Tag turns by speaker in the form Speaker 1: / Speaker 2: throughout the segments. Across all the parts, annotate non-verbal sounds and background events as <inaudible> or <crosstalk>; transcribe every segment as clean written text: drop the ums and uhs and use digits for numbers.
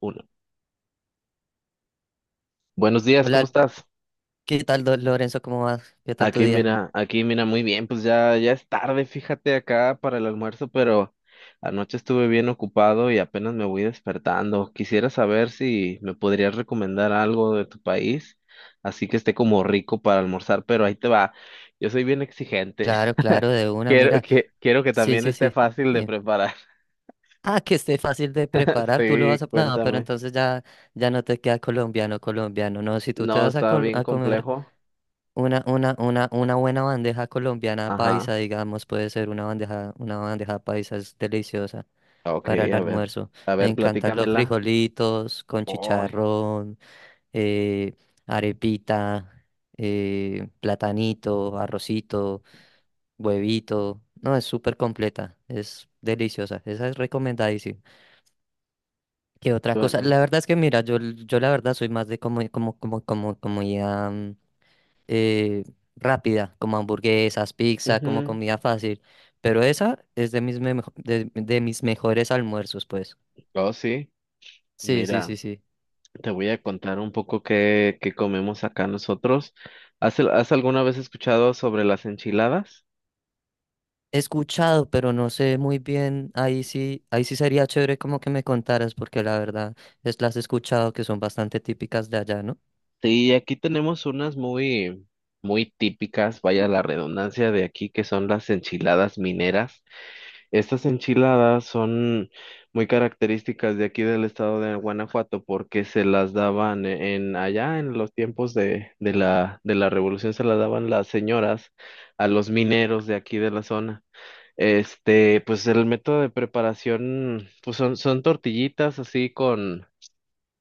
Speaker 1: Uno. Buenos días, ¿cómo
Speaker 2: Hola,
Speaker 1: estás?
Speaker 2: ¿qué tal, Lorenzo? ¿Cómo vas? ¿Qué tal tu día?
Speaker 1: Aquí mira, muy bien, pues ya es tarde, fíjate acá para el almuerzo, pero anoche estuve bien ocupado y apenas me voy despertando. Quisiera saber si me podrías recomendar algo de tu país, así que esté como rico para almorzar, pero ahí te va. Yo soy bien exigente.
Speaker 2: Claro,
Speaker 1: <laughs>
Speaker 2: claro, de una,
Speaker 1: Quiero
Speaker 2: mira.
Speaker 1: que, quiero que
Speaker 2: Sí,
Speaker 1: también
Speaker 2: sí,
Speaker 1: esté
Speaker 2: sí.
Speaker 1: fácil de
Speaker 2: Bien.
Speaker 1: preparar.
Speaker 2: Ah, que esté fácil de
Speaker 1: <laughs>
Speaker 2: preparar, tú lo vas
Speaker 1: Sí,
Speaker 2: a... No, pero
Speaker 1: cuéntame.
Speaker 2: entonces ya, ya no te queda colombiano, colombiano. No, si tú te
Speaker 1: No,
Speaker 2: vas a,
Speaker 1: está
Speaker 2: col-
Speaker 1: bien
Speaker 2: a comer
Speaker 1: complejo.
Speaker 2: una buena bandeja colombiana
Speaker 1: Ajá.
Speaker 2: paisa, digamos, puede ser una bandeja paisa, es deliciosa
Speaker 1: Ok,
Speaker 2: para el
Speaker 1: a ver,
Speaker 2: almuerzo.
Speaker 1: a
Speaker 2: Me
Speaker 1: ver,
Speaker 2: encantan los
Speaker 1: platícamela.
Speaker 2: frijolitos con
Speaker 1: Ay.
Speaker 2: chicharrón, eh, arepita, platanito, arrocito, huevito. No, es súper completa, es deliciosa, esa es recomendadísima. ¿Qué otra cosa?
Speaker 1: Suena.
Speaker 2: La verdad es que mira, yo la verdad soy más de como comida eh, rápida, como hamburguesas, pizza, como
Speaker 1: Ujú.
Speaker 2: comida fácil. Pero esa es de mis mejores almuerzos, pues.
Speaker 1: Oh, sí.
Speaker 2: Sí, sí,
Speaker 1: Mira,
Speaker 2: sí, sí.
Speaker 1: te voy a contar un poco qué comemos acá nosotros. ¿Has alguna vez escuchado sobre las enchiladas?
Speaker 2: He escuchado, pero no sé muy bien. Ahí sí sería chévere como que me contaras, porque la verdad es las he escuchado que son bastante típicas de allá, ¿no?
Speaker 1: Sí, aquí tenemos unas muy, muy típicas, vaya la redundancia de aquí, que son las enchiladas mineras. Estas enchiladas son muy características de aquí del estado de Guanajuato porque se las daban en allá en los tiempos de la revolución se las daban las señoras a los mineros de aquí de la zona. Este, pues el método de preparación, pues son tortillitas así con,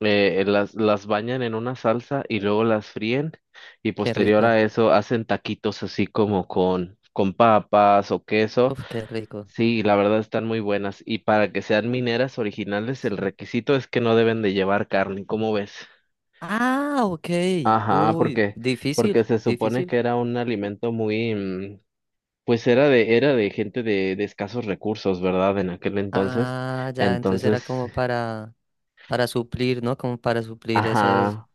Speaker 1: las bañan en una salsa y luego las fríen, y
Speaker 2: Qué
Speaker 1: posterior
Speaker 2: rico.
Speaker 1: a eso hacen taquitos así como con papas o queso.
Speaker 2: Uf, qué rico.
Speaker 1: Sí, la verdad están muy buenas. Y para que sean mineras originales, el
Speaker 2: Sí.
Speaker 1: requisito es que no deben de llevar carne, ¿cómo ves?
Speaker 2: Ah, ok.
Speaker 1: Ajá,
Speaker 2: Uy,
Speaker 1: porque
Speaker 2: difícil,
Speaker 1: se supone que
Speaker 2: difícil.
Speaker 1: era un alimento muy, pues era de gente de escasos recursos, ¿verdad? En aquel entonces.
Speaker 2: Ah, ya, entonces era
Speaker 1: Entonces,
Speaker 2: como para suplir, ¿no? Como para suplir esas.
Speaker 1: ajá,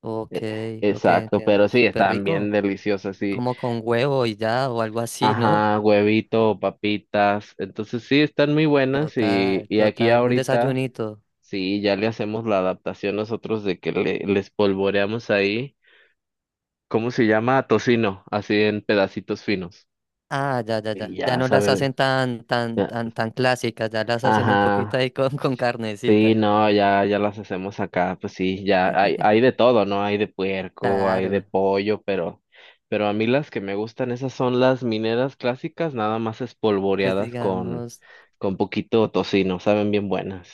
Speaker 2: Ok,
Speaker 1: e-
Speaker 2: ok,
Speaker 1: exacto,
Speaker 2: entiendo.
Speaker 1: pero sí,
Speaker 2: Súper
Speaker 1: estaban bien
Speaker 2: rico.
Speaker 1: deliciosas, sí.
Speaker 2: Como con huevo y ya, o algo así, ¿no?
Speaker 1: Ajá, huevito, papitas. Entonces sí, están muy buenas
Speaker 2: Total,
Speaker 1: y aquí
Speaker 2: total. Un
Speaker 1: ahorita.
Speaker 2: desayunito.
Speaker 1: Sí, ya le hacemos la adaptación nosotros de que le, les polvoreamos ahí, ¿cómo se llama? Tocino, así en pedacitos finos.
Speaker 2: Ah, ya, ya,
Speaker 1: Y
Speaker 2: ya. Ya
Speaker 1: ya
Speaker 2: no las
Speaker 1: sabe,
Speaker 2: hacen tan, tan,
Speaker 1: ya-
Speaker 2: tan, tan clásicas, ya las hacen un poquito
Speaker 1: ajá,
Speaker 2: ahí con, <laughs> con
Speaker 1: sí,
Speaker 2: carnecita.
Speaker 1: no, ya las hacemos acá, pues sí, ya hay de todo, ¿no? Hay de puerco, hay de
Speaker 2: Claro.
Speaker 1: pollo, pero a mí las que me gustan, esas son las mineras clásicas, nada más
Speaker 2: Pues
Speaker 1: espolvoreadas
Speaker 2: digamos.
Speaker 1: con poquito tocino, saben bien buenas.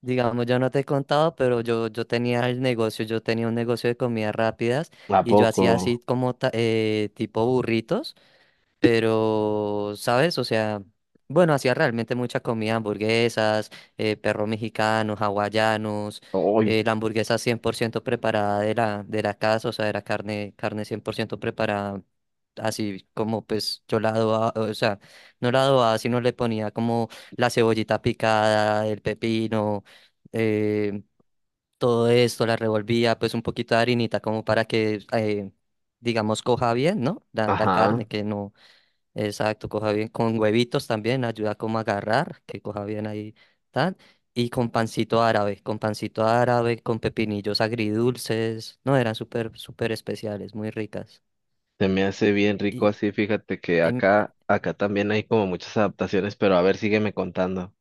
Speaker 2: Digamos, yo no te he contado, pero yo tenía el negocio, yo tenía un negocio de comidas rápidas
Speaker 1: ¿A
Speaker 2: y yo hacía así
Speaker 1: poco?
Speaker 2: como tipo burritos. Pero, ¿sabes? O sea, bueno, hacía realmente mucha comida, hamburguesas, perros mexicanos, hawaianos,
Speaker 1: Uy,
Speaker 2: la hamburguesa 100% preparada de la casa, o sea, era carne, carne 100% preparada, así como pues yo la adobaba, o sea, no la adobaba, sino le ponía como la cebollita picada, el pepino, eh, todo esto, la revolvía, pues un poquito de harinita como para que, digamos, coja bien, ¿no? La
Speaker 1: ajá.
Speaker 2: carne, que no. Exacto, coja bien con huevitos también, ayuda como a agarrar, que coja bien ahí, tal. Y con pancito árabe, con pancito árabe, con pepinillos agridulces. No, eran súper, súper especiales, muy ricas.
Speaker 1: Se me hace bien rico
Speaker 2: Y,
Speaker 1: así, fíjate que
Speaker 2: em,
Speaker 1: acá, acá también hay como muchas adaptaciones, pero a ver, sígueme contando.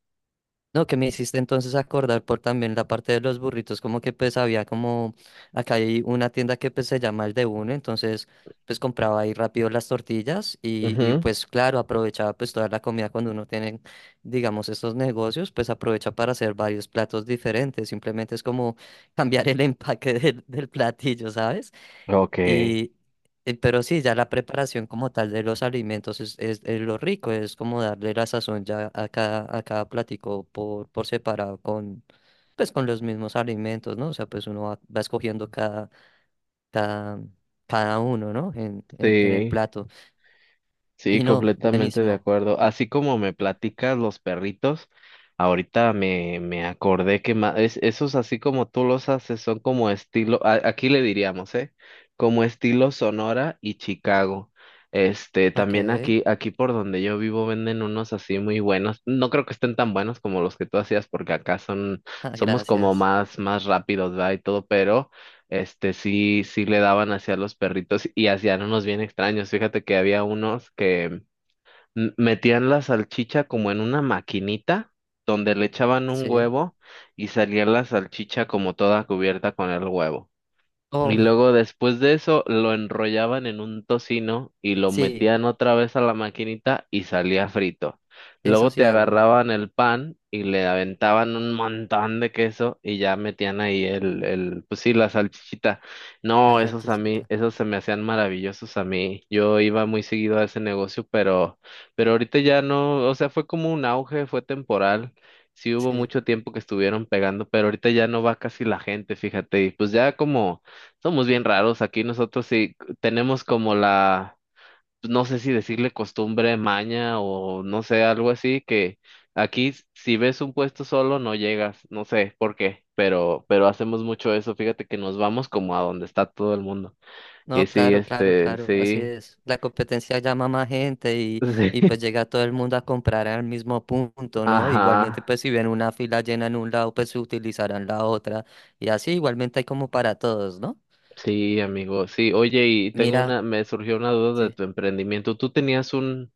Speaker 2: No, que me hiciste entonces acordar por también la parte de los burritos, como que pues había como, acá hay una tienda que pues se llama El de Uno, entonces pues compraba ahí rápido las tortillas y
Speaker 1: Ujú.
Speaker 2: pues claro, aprovechaba pues toda la comida cuando uno tiene, digamos, estos negocios, pues aprovecha para hacer varios platos diferentes, simplemente es como cambiar el <laughs> empaque del platillo, ¿sabes?
Speaker 1: Ok,
Speaker 2: Y, pero sí, ya la preparación como tal de los alimentos es lo rico, es como darle la sazón ya a cada platico por separado con, pues, con los mismos alimentos, ¿no? O sea, pues uno va, va escogiendo cada, cada uno, ¿no? En el
Speaker 1: sí.
Speaker 2: plato.
Speaker 1: Sí,
Speaker 2: Y no,
Speaker 1: completamente de
Speaker 2: buenísimo.
Speaker 1: acuerdo. Así como me platicas los perritos, ahorita me, me acordé que esos así como tú los haces son como estilo, aquí le diríamos, ¿eh? Como estilo Sonora y Chicago. Este,
Speaker 2: Ok,
Speaker 1: también aquí, aquí por donde yo vivo venden unos así muy buenos. No creo que estén tan buenos como los que tú hacías, porque acá son,
Speaker 2: ah,
Speaker 1: somos como
Speaker 2: gracias.
Speaker 1: más, más rápidos, ¿verdad? Y todo, pero este sí, sí le daban hacia los perritos y hacían unos bien extraños. Fíjate que había unos que metían la salchicha como en una maquinita donde le echaban un
Speaker 2: Sí.
Speaker 1: huevo y salía la salchicha como toda cubierta con el huevo. Y
Speaker 2: Oh,
Speaker 1: luego después de eso lo enrollaban en un tocino y lo
Speaker 2: sí,
Speaker 1: metían otra vez a la maquinita y salía frito.
Speaker 2: eso
Speaker 1: Luego
Speaker 2: sí
Speaker 1: te
Speaker 2: hago,
Speaker 1: agarraban el pan y le aventaban un montón de queso y ya metían ahí pues sí, la salchichita.
Speaker 2: la
Speaker 1: No, esos a mí,
Speaker 2: salchichita.
Speaker 1: esos se me hacían maravillosos a mí. Yo iba muy seguido a ese negocio, pero ahorita ya no, o sea, fue como un auge, fue temporal. Sí hubo
Speaker 2: Sí.
Speaker 1: mucho tiempo que estuvieron pegando, pero ahorita ya no va casi la gente, fíjate, y pues ya como somos bien raros aquí nosotros, sí tenemos como la, no sé si decirle costumbre, maña o no sé, algo así, que aquí si ves un puesto solo no llegas, no sé por qué, pero hacemos mucho eso, fíjate que nos vamos como a donde está todo el mundo. Y
Speaker 2: No,
Speaker 1: sí,
Speaker 2: claro, claro,
Speaker 1: este,
Speaker 2: claro, así
Speaker 1: sí,
Speaker 2: es. La competencia llama a más gente y,
Speaker 1: <laughs>
Speaker 2: y
Speaker 1: sí,
Speaker 2: pues llega todo el mundo a comprar al mismo punto, ¿no?
Speaker 1: ajá,
Speaker 2: Igualmente, pues si ven una fila llena en un lado, pues utilizarán la otra. Y así igualmente hay como para todos, ¿no?
Speaker 1: sí, amigo, sí, oye, y tengo
Speaker 2: Mira,
Speaker 1: una, me surgió una duda de
Speaker 2: sí,
Speaker 1: tu emprendimiento.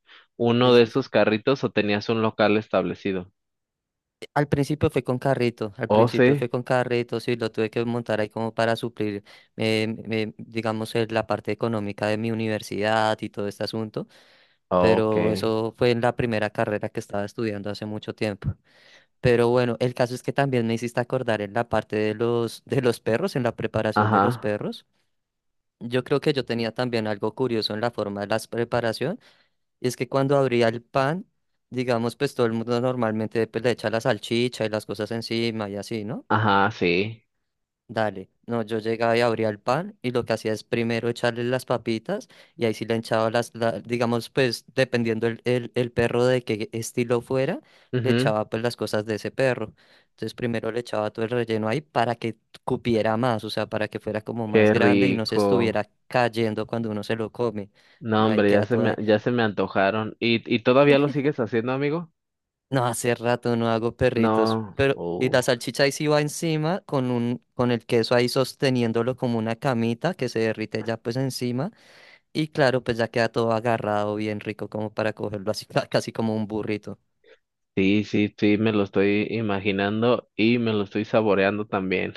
Speaker 2: sí,
Speaker 1: Uno de
Speaker 2: sí, sí.
Speaker 1: esos carritos o tenías un local establecido?
Speaker 2: Al principio fue con carrito, al
Speaker 1: Oh,
Speaker 2: principio
Speaker 1: sí.
Speaker 2: fue con carrito, sí, lo tuve que montar ahí como para suplir, digamos, la parte económica de mi universidad y todo este asunto,
Speaker 1: Ok.
Speaker 2: pero eso fue en la primera carrera que estaba estudiando hace mucho tiempo. Pero bueno, el caso es que también me hiciste acordar en la parte de los perros, en la preparación de los
Speaker 1: Ajá,
Speaker 2: perros. Yo creo que yo tenía también algo curioso en la forma de la preparación, y es que cuando abría el pan, digamos, pues todo el mundo normalmente pues, le echa la salchicha y las cosas encima y así, ¿no?
Speaker 1: ajá, sí.
Speaker 2: Dale, no, yo llegaba y abría el pan y lo que hacía es primero echarle las papitas y ahí sí le echaba digamos, pues dependiendo el perro de qué estilo fuera, le
Speaker 1: Ujú.
Speaker 2: echaba pues las cosas de ese perro. Entonces primero le echaba todo el relleno ahí para que cupiera más, o sea, para que fuera como más
Speaker 1: Qué
Speaker 2: grande y no se
Speaker 1: rico.
Speaker 2: estuviera cayendo cuando uno se lo come,
Speaker 1: No,
Speaker 2: sino ahí
Speaker 1: hombre,
Speaker 2: queda todo.
Speaker 1: ya se me antojaron. Y todavía lo sigues haciendo, amigo?
Speaker 2: No, hace rato no hago perritos,
Speaker 1: No.
Speaker 2: pero y la salchicha ahí sí va encima con un con el queso ahí sosteniéndolo como una camita que se derrite ya pues encima y claro, pues ya queda todo agarrado bien rico como para cogerlo así <laughs> casi como un burrito.
Speaker 1: Sí, sí, sí, me lo estoy imaginando y me lo estoy saboreando también.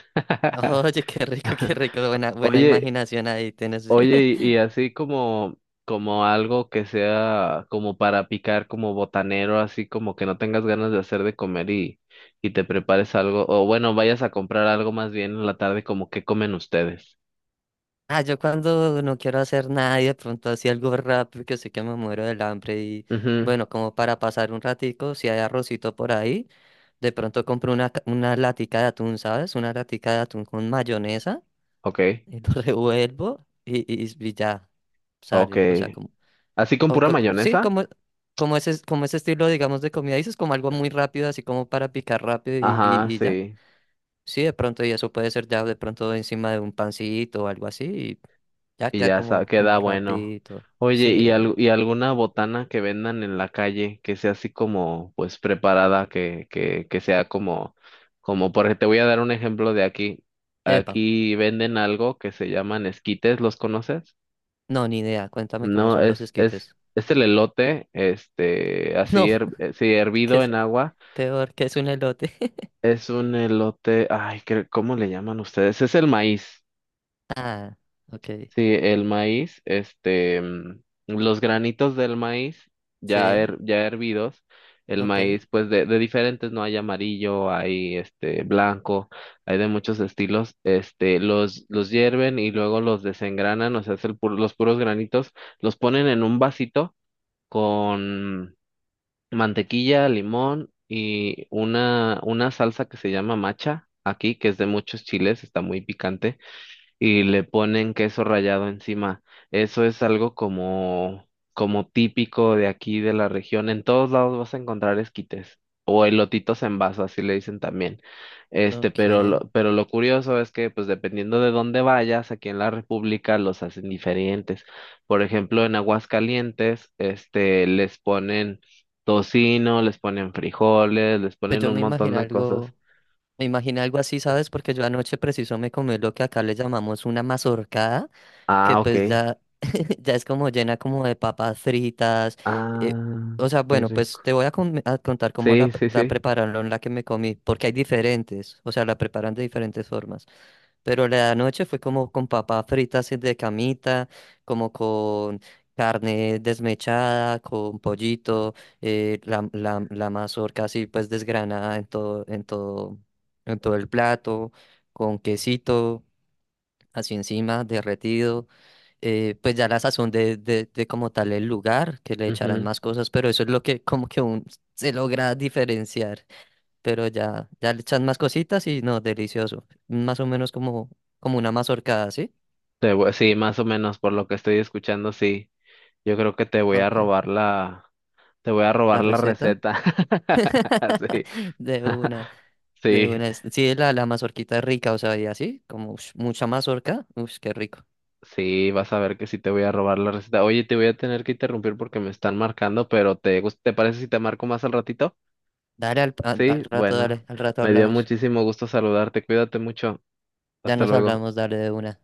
Speaker 2: <laughs> Oye,
Speaker 1: <laughs>
Speaker 2: qué rico, buena buena
Speaker 1: Oye.
Speaker 2: imaginación ahí tienes.
Speaker 1: Oye, y
Speaker 2: <laughs>
Speaker 1: así como, como algo que sea como para picar, como botanero, así como que no tengas ganas de hacer de comer y te prepares algo, o bueno, vayas a comprar algo más bien en la tarde, como qué comen ustedes.
Speaker 2: Ah, yo cuando no quiero hacer nada y de pronto así algo rápido que sé que me muero del hambre y
Speaker 1: Mhm.
Speaker 2: bueno, como para pasar un ratico, si hay arrocito por ahí. De pronto compro una latica de atún, ¿sabes? Una latica de atún con mayonesa
Speaker 1: Okay,
Speaker 2: y lo <laughs> revuelvo y ya sale. O sea,
Speaker 1: okay.
Speaker 2: como,
Speaker 1: ¿Así con pura
Speaker 2: sí,
Speaker 1: mayonesa?
Speaker 2: como, como ese estilo, digamos, de comida. Dices como algo muy rápido, así como para picar rápido y,
Speaker 1: Ajá,
Speaker 2: y, y ya.
Speaker 1: sí.
Speaker 2: Sí, de pronto, y eso puede ser ya de pronto encima de un pancito o algo así y ya
Speaker 1: Y
Speaker 2: queda como,
Speaker 1: queda
Speaker 2: como
Speaker 1: bueno.
Speaker 2: rapidito.
Speaker 1: Oye,
Speaker 2: Sí.
Speaker 1: y alguna botana que vendan en la calle que sea así como, pues, preparada, que sea como, como, porque te voy a dar un ejemplo de aquí.
Speaker 2: Epa.
Speaker 1: Aquí venden algo que se llaman esquites, ¿los conoces?
Speaker 2: No, ni idea. Cuéntame cómo
Speaker 1: No,
Speaker 2: son los esquites. <laughs>
Speaker 1: es el elote, este, así,
Speaker 2: No,
Speaker 1: sí,
Speaker 2: que
Speaker 1: hervido
Speaker 2: es
Speaker 1: en agua.
Speaker 2: peor que es un elote. <laughs>
Speaker 1: Es un elote, ay, ¿cómo le llaman ustedes? Es el maíz.
Speaker 2: Ah, ok.
Speaker 1: Sí, el maíz, este, mm, los granitos del maíz ya,
Speaker 2: Sí,
Speaker 1: ya hervidos, el
Speaker 2: ok,
Speaker 1: maíz pues de diferentes, ¿no? Hay amarillo, hay este blanco, hay de muchos estilos, este, los hierven y luego los desengranan, o sea, es los puros granitos, los ponen en un vasito con mantequilla, limón y una salsa que se llama macha aquí, que es de muchos chiles, está muy picante y le ponen queso rallado encima. Eso es algo como, como típico de aquí de la región. En todos lados vas a encontrar esquites o elotitos en vaso, así le dicen también. Este,
Speaker 2: ok.
Speaker 1: pero lo curioso es que, pues dependiendo de dónde vayas, aquí en la República los hacen diferentes. Por ejemplo, en Aguascalientes, este, les ponen tocino, les ponen frijoles, les
Speaker 2: Pues
Speaker 1: ponen
Speaker 2: yo
Speaker 1: un montón de cosas.
Speaker 2: me imagino algo así, ¿sabes? Porque yo anoche preciso me comí lo que acá le llamamos una mazorcada, que
Speaker 1: Ah, ok.
Speaker 2: pues ya, <laughs> ya es como llena como de papas fritas. eh,
Speaker 1: Ah,
Speaker 2: o sea,
Speaker 1: qué
Speaker 2: bueno, pues
Speaker 1: rico.
Speaker 2: te voy a contar cómo la,
Speaker 1: Sí, sí,
Speaker 2: la
Speaker 1: sí.
Speaker 2: prepararon, la que me comí, porque hay diferentes, o sea, la preparan de diferentes formas. Pero la noche fue como con papas fritas así de camita, como con carne desmechada, con pollito, la mazorca así pues desgranada en todo, el plato, con quesito así encima, derretido. Pues ya la sazón de como tal el lugar, que le echarán
Speaker 1: Ujú.
Speaker 2: más cosas, pero eso es lo que como que un, se logra diferenciar pero ya le echan más cositas y no, delicioso. Más o menos como, como una mazorcada, ¿sí?
Speaker 1: Sí, más o menos por lo que estoy escuchando, sí. Yo creo que
Speaker 2: Ok,
Speaker 1: te voy a
Speaker 2: la
Speaker 1: robar la
Speaker 2: receta.
Speaker 1: receta. <laughs>
Speaker 2: <laughs>
Speaker 1: Sí.
Speaker 2: De una,
Speaker 1: <laughs>
Speaker 2: de
Speaker 1: Sí,
Speaker 2: una. Sí, la mazorquita es rica, o sea, y así, como ush, mucha mazorca. Uff, qué rico.
Speaker 1: sí, vas a ver que sí te voy a robar la receta. Oye, te voy a tener que interrumpir porque me están marcando, pero te parece si te marco más al ratito?
Speaker 2: Dale al
Speaker 1: Sí,
Speaker 2: rato,
Speaker 1: bueno.
Speaker 2: dale, al rato
Speaker 1: Me dio
Speaker 2: hablamos.
Speaker 1: muchísimo gusto saludarte. Cuídate mucho.
Speaker 2: Ya
Speaker 1: Hasta
Speaker 2: nos
Speaker 1: luego.
Speaker 2: hablamos, dale de una.